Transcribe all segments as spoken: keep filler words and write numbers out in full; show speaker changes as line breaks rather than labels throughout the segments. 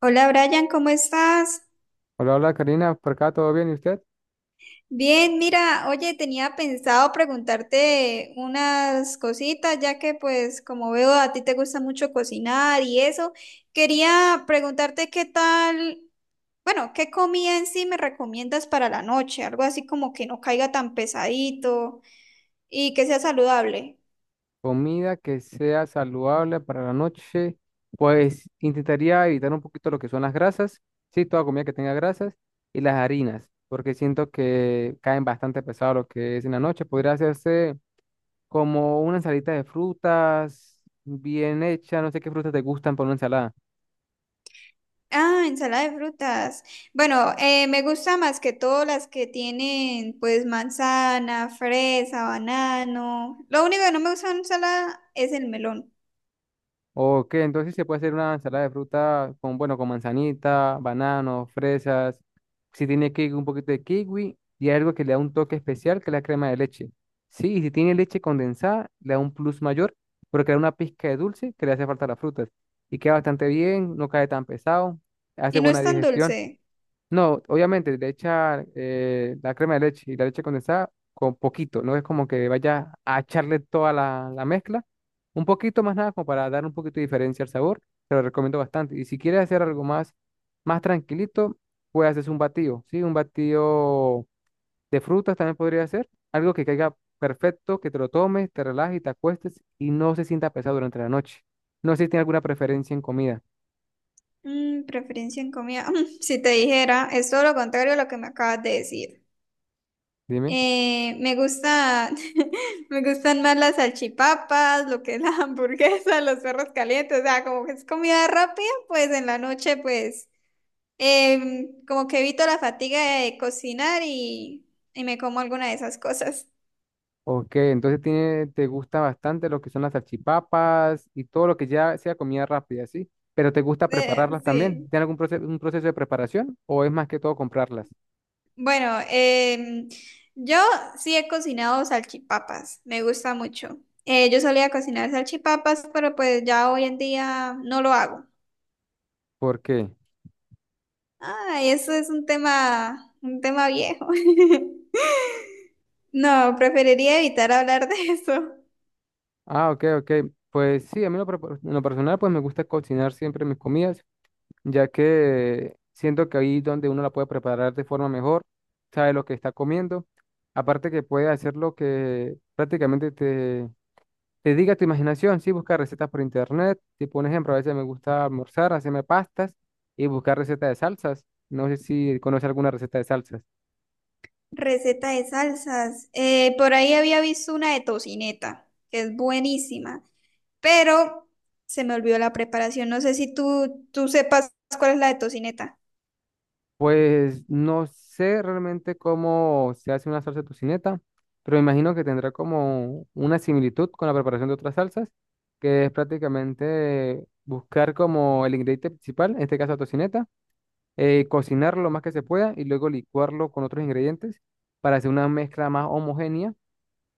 Hola Brian, ¿cómo estás?
Hola, hola Karina, por acá todo bien, ¿y usted?
Bien, mira, oye, tenía pensado preguntarte unas cositas, ya que pues como veo a ti te gusta mucho cocinar y eso, quería preguntarte qué tal, bueno, qué comida en sí me recomiendas para la noche, algo así como que no caiga tan pesadito y que sea saludable.
Comida que sea saludable para la noche, pues intentaría evitar un poquito lo que son las grasas, sí, toda comida que tenga grasas y las harinas, porque siento que caen bastante pesado lo que es en la noche. Podría hacerse como una ensalita de frutas bien hecha, no sé qué frutas te gustan para una ensalada.
Ah, ensalada de frutas. Bueno, eh, me gusta más que todo las que tienen pues manzana, fresa, banano. Lo único que no me gusta en ensalada es el melón.
Ok, entonces se puede hacer una ensalada de fruta con, bueno, con manzanita, banano, fresas. Si tiene kiwi, un poquito de kiwi y algo que le da un toque especial, que es la crema de leche. Sí, y si tiene leche condensada, le da un plus mayor, porque le da una pizca de dulce que le hace falta a las frutas. Y queda bastante bien, no cae tan pesado, hace
Y no
buena
es tan
digestión.
dulce.
No, obviamente, le echar eh, la crema de leche y la leche condensada con poquito. No es como que vaya a echarle toda la, la mezcla. Un poquito más nada como para dar un poquito de diferencia al sabor. Te lo recomiendo bastante. Y si quieres hacer algo más, más tranquilito, puedes hacer un batido, ¿sí? Un batido de frutas también podría ser. Algo que caiga perfecto, que te lo tomes, te relajes y te acuestes y no se sienta pesado durante la noche. No sé si tiene alguna preferencia en comida.
Mm, preferencia en comida. Mm, si te dijera, es todo lo contrario a lo que me acabas de decir.
Dime.
Eh, me gusta, me gustan más las salchipapas, lo que es la hamburguesa, los perros calientes, o sea, como que es comida rápida, pues en la noche, pues. Em, como que evito la fatiga de cocinar y, y me como alguna de esas cosas.
Ok, entonces tiene, te gusta bastante lo que son las salchipapas y todo lo que ya sea comida rápida, ¿sí? Pero te gusta
Eh,
prepararlas también.
sí.
¿Tiene algún proceso, un proceso de preparación o es más que todo comprarlas?
Bueno, em, yo sí he cocinado salchipapas, me gusta mucho. Eh, yo solía cocinar salchipapas, pero pues ya hoy en día no lo hago.
¿Por qué?
Ay, eso es un tema, un tema viejo. No, preferiría evitar hablar de eso.
Ah, ok, ok. Pues sí, a mí lo pro- en lo personal pues me gusta cocinar siempre mis comidas, ya que siento que ahí donde uno la puede preparar de forma mejor, sabe lo que está comiendo. Aparte que puede hacer lo que prácticamente te te diga tu imaginación, sí, buscar recetas por internet. Tipo un ejemplo, a veces me gusta almorzar, hacerme pastas y buscar recetas de salsas. No sé si conoce alguna receta de salsas.
Receta de salsas. Eh, por ahí había visto una de tocineta, que es buenísima, pero se me olvidó la preparación. No sé si tú, tú sepas cuál es la de tocineta.
Pues no sé realmente cómo se hace una salsa tocineta, pero me imagino que tendrá como una similitud con la preparación de otras salsas, que es prácticamente buscar como el ingrediente principal, en este caso la tocineta, eh, cocinar lo más que se pueda y luego licuarlo con otros ingredientes para hacer una mezcla más homogénea.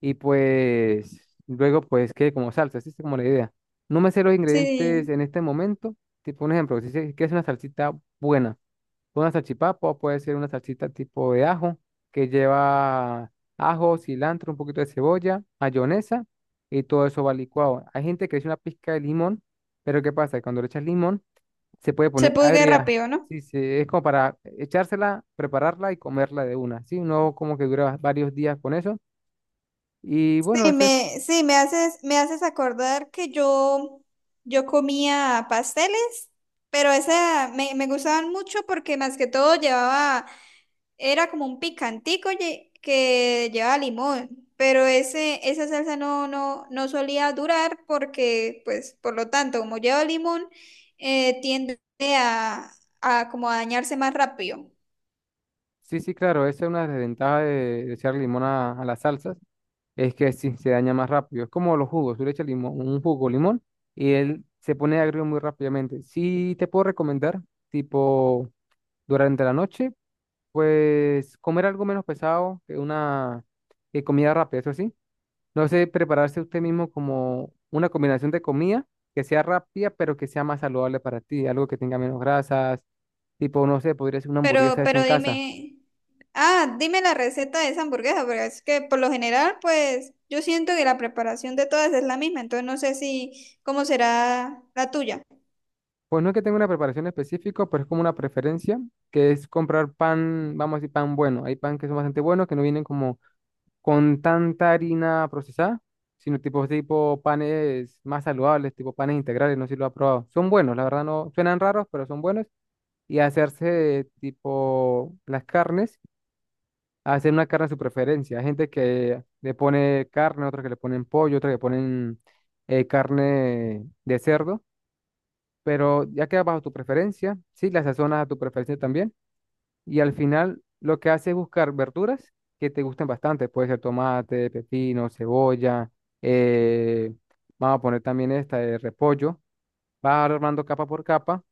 Y pues luego pues quede como salsa, así es como la idea. No me sé los ingredientes
Sí,
en este momento. Tipo un ejemplo, si se- quieres una salsita buena, una salchipapa o puede ser una salsita tipo de ajo que lleva ajo, cilantro, un poquito de cebolla, mayonesa y todo eso va licuado. Hay gente que le echa una pizca de limón, pero ¿qué pasa? Cuando le echas limón se puede
se
poner
puede
agria.
rápido, ¿no?
Sí, sí, es como para echársela, prepararla y comerla de una, ¿sí? No como que dura varios días con eso. Y bueno,
Sí,
eso es.
me, sí, me haces, me haces acordar que yo, yo comía pasteles, pero esa me, me gustaban mucho porque más que todo llevaba. Era como un picantico lle- que llevaba limón, pero ese, esa salsa no, no, no solía durar porque, pues, por lo tanto, como lleva limón, eh, tiende a, a como a dañarse más rápido.
Sí, sí, claro, esa es una desventaja de, de echar limón a, a las salsas, es que sí, se daña más rápido. Es como los jugos, tú le echas limón, un jugo limón y él se pone agrio muy rápidamente. Sí, te puedo recomendar, tipo, durante la noche, pues comer algo menos pesado que una que comida rápida, eso sí. No sé, prepararse usted mismo como una combinación de comida que sea rápida, pero que sea más saludable para ti, algo que tenga menos grasas, tipo, no sé, podría ser una
Pero,
hamburguesa hecha en
pero
casa.
dime, ah, dime la receta de esa hamburguesa, porque es que por lo general, pues, yo siento que la preparación de todas es la misma, entonces no sé si, cómo será la tuya.
Pues no es que tenga una preparación específica, pero es como una preferencia, que es comprar pan, vamos a decir, pan bueno. Hay pan que son bastante buenos, que no vienen como con tanta harina procesada, sino tipo, tipo panes más saludables, tipo panes integrales, no sé si lo ha probado. Son buenos, la verdad no, suenan raros, pero son buenos. Y hacerse tipo las carnes, hacer una carne a su preferencia. Hay gente que le pone carne, otra que le ponen pollo, otra que le ponen eh, carne de cerdo, pero ya queda bajo tu preferencia, sí, las sazonas a tu preferencia también. Y al final lo que hace es buscar verduras que te gusten bastante. Puede ser tomate, pepino, cebolla, eh, vamos a poner también esta de repollo. Vas armando capa por capa,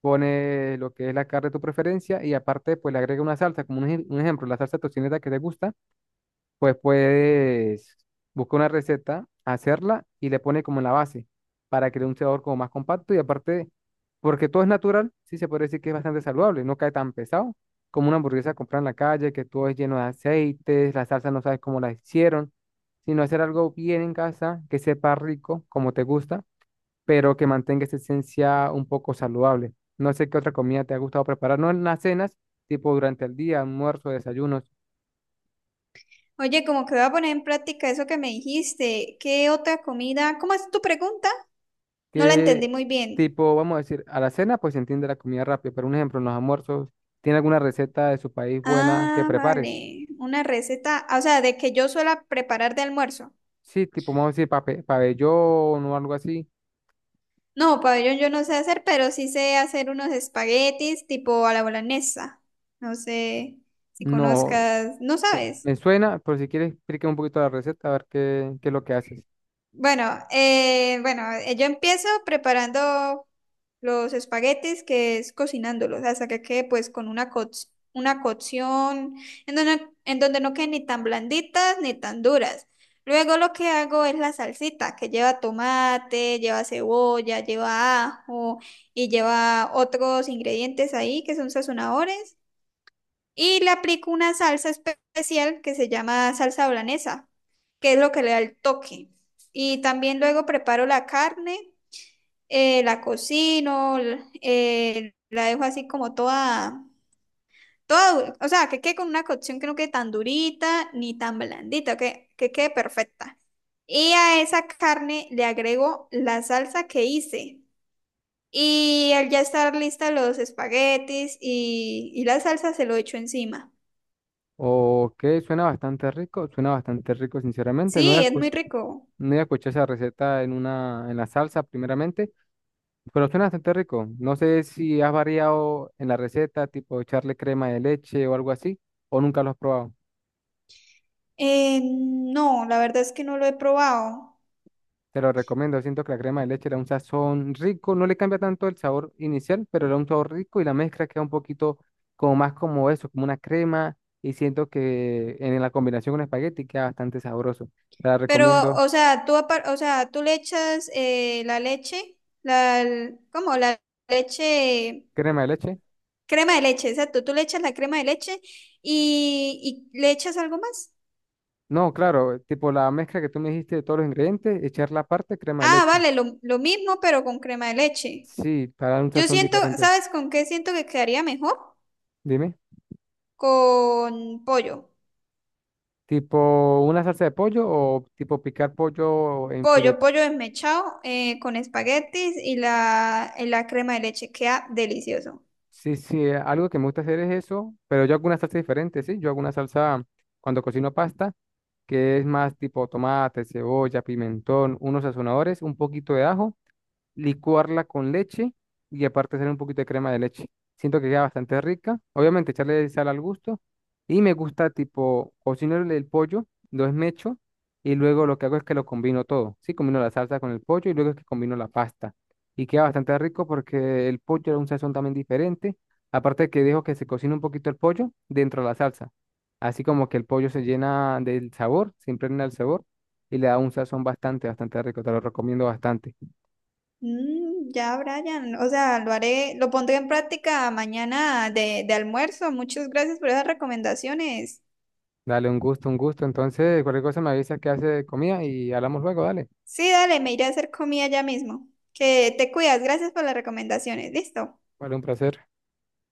pone lo que es la carne de tu preferencia y aparte pues le agrega una salsa, como un, ej- un ejemplo, la salsa tocineta que te gusta, pues puedes buscar una receta, hacerla y le pone como en la base para crear un sabor como más compacto y aparte, porque todo es natural, sí se puede decir que es bastante saludable, no cae tan pesado como una hamburguesa comprada en la calle, que todo es lleno de aceites, la salsa no sabes cómo la hicieron, sino hacer algo bien en casa, que sepa rico, como te gusta, pero que mantenga esa esencia un poco saludable. No sé qué otra comida te ha gustado preparar, no en las cenas, tipo durante el día, almuerzo, desayunos.
Oye, como que voy a poner en práctica eso que me dijiste. ¿Qué otra comida? ¿Cómo es tu pregunta? No la entendí
Qué
muy bien.
Tipo, vamos a decir, a la cena, pues se entiende la comida rápida, pero un ejemplo, en los almuerzos, ¿tiene alguna receta de su país buena que
Ah,
prepares?
vale. Una receta, ah, o sea, de que yo suela preparar de almuerzo.
Sí, tipo, vamos a decir, pape- pabellón o algo así.
No, pabellón yo no sé hacer, pero sí sé hacer unos espaguetis tipo a la boloñesa. No sé si
No,
conozcas, no
eh,
sabes.
me suena, pero si quieres, explícame un poquito la receta, a ver qué, qué es lo que haces.
Bueno, eh, bueno, eh, yo empiezo preparando los espaguetis, que es cocinándolos, hasta que quede pues con una, co- una cocción en donde, en donde no queden ni tan blanditas ni tan duras. Luego lo que hago es la salsita, que lleva tomate, lleva cebolla, lleva ajo y lleva otros ingredientes ahí que son sazonadores. Y le aplico una salsa especial que se llama salsa holandesa, que es lo que le da el toque. Y también luego preparo la carne, eh, la cocino, l- eh, la dejo así como toda, toda, du- o sea, que quede con una cocción que no quede tan durita ni tan blandita, que, que quede perfecta. Y a esa carne le agrego la salsa que hice. Y al ya estar lista los espaguetis y, y la salsa se lo echo encima.
Ok, suena bastante rico, suena bastante rico, sinceramente. No voy
Sí, es muy rico.
a escuchar esa receta en una, en la salsa, primeramente. Pero suena bastante rico. No sé si has variado en la receta, tipo echarle crema de leche o algo así, o nunca lo has probado.
Eh, no, la verdad es que no lo he probado.
Te lo recomiendo. Siento que la crema de leche le da un sazón rico. No le cambia tanto el sabor inicial, pero le da un sabor rico y la mezcla queda un poquito como más como eso, como una crema. Y siento que en la combinación con espagueti queda bastante sabroso. Te la
Pero,
recomiendo.
o sea, tú, apar- o sea, tú le echas eh, la leche, la, l- ¿cómo? La leche,
Crema de leche.
crema de leche, exacto. Tú le echas la crema de leche y, y le echas algo más.
No, claro, tipo la mezcla que tú me dijiste de todos los ingredientes, echar la parte crema de
Ah,
leche.
vale, lo, lo mismo, pero con crema de leche.
Sí, para dar un
Yo
sazón
siento,
diferente.
¿sabes con qué siento que quedaría mejor?
Dime.
Con pollo.
Tipo una salsa de pollo o tipo picar pollo en filet.
Pollo, pollo desmechado eh, con espaguetis y la, y la crema de leche. Queda delicioso.
Sí, sí, eh, algo que me gusta hacer es eso, pero yo hago una salsa diferente, ¿sí? Yo hago una salsa cuando cocino pasta, que es más tipo tomate, cebolla, pimentón, unos sazonadores, un poquito de ajo. Licuarla con leche y aparte hacer un poquito de crema de leche. Siento que queda bastante rica. Obviamente echarle sal al gusto. Y me gusta tipo cocinar el pollo, lo esmecho y luego lo que hago es que lo combino todo. Sí, combino la salsa con el pollo y luego es que combino la pasta. Y queda bastante rico porque el pollo era un sazón también diferente. Aparte que dejo que se cocine un poquito el pollo dentro de la salsa. Así como que el pollo se llena del sabor, se impregna el sabor y le da un sazón bastante, bastante rico. Te lo recomiendo bastante.
Mm, ya, Brian. O sea, lo haré, lo pondré en práctica mañana de, de almuerzo. Muchas gracias por esas recomendaciones.
Dale, un gusto, un gusto. Entonces, cualquier cosa me avisas que hace de comida y hablamos luego, dale.
Sí, dale, me iré a hacer comida ya mismo. Que te cuidas. Gracias por las recomendaciones. Listo.
Vale, un placer.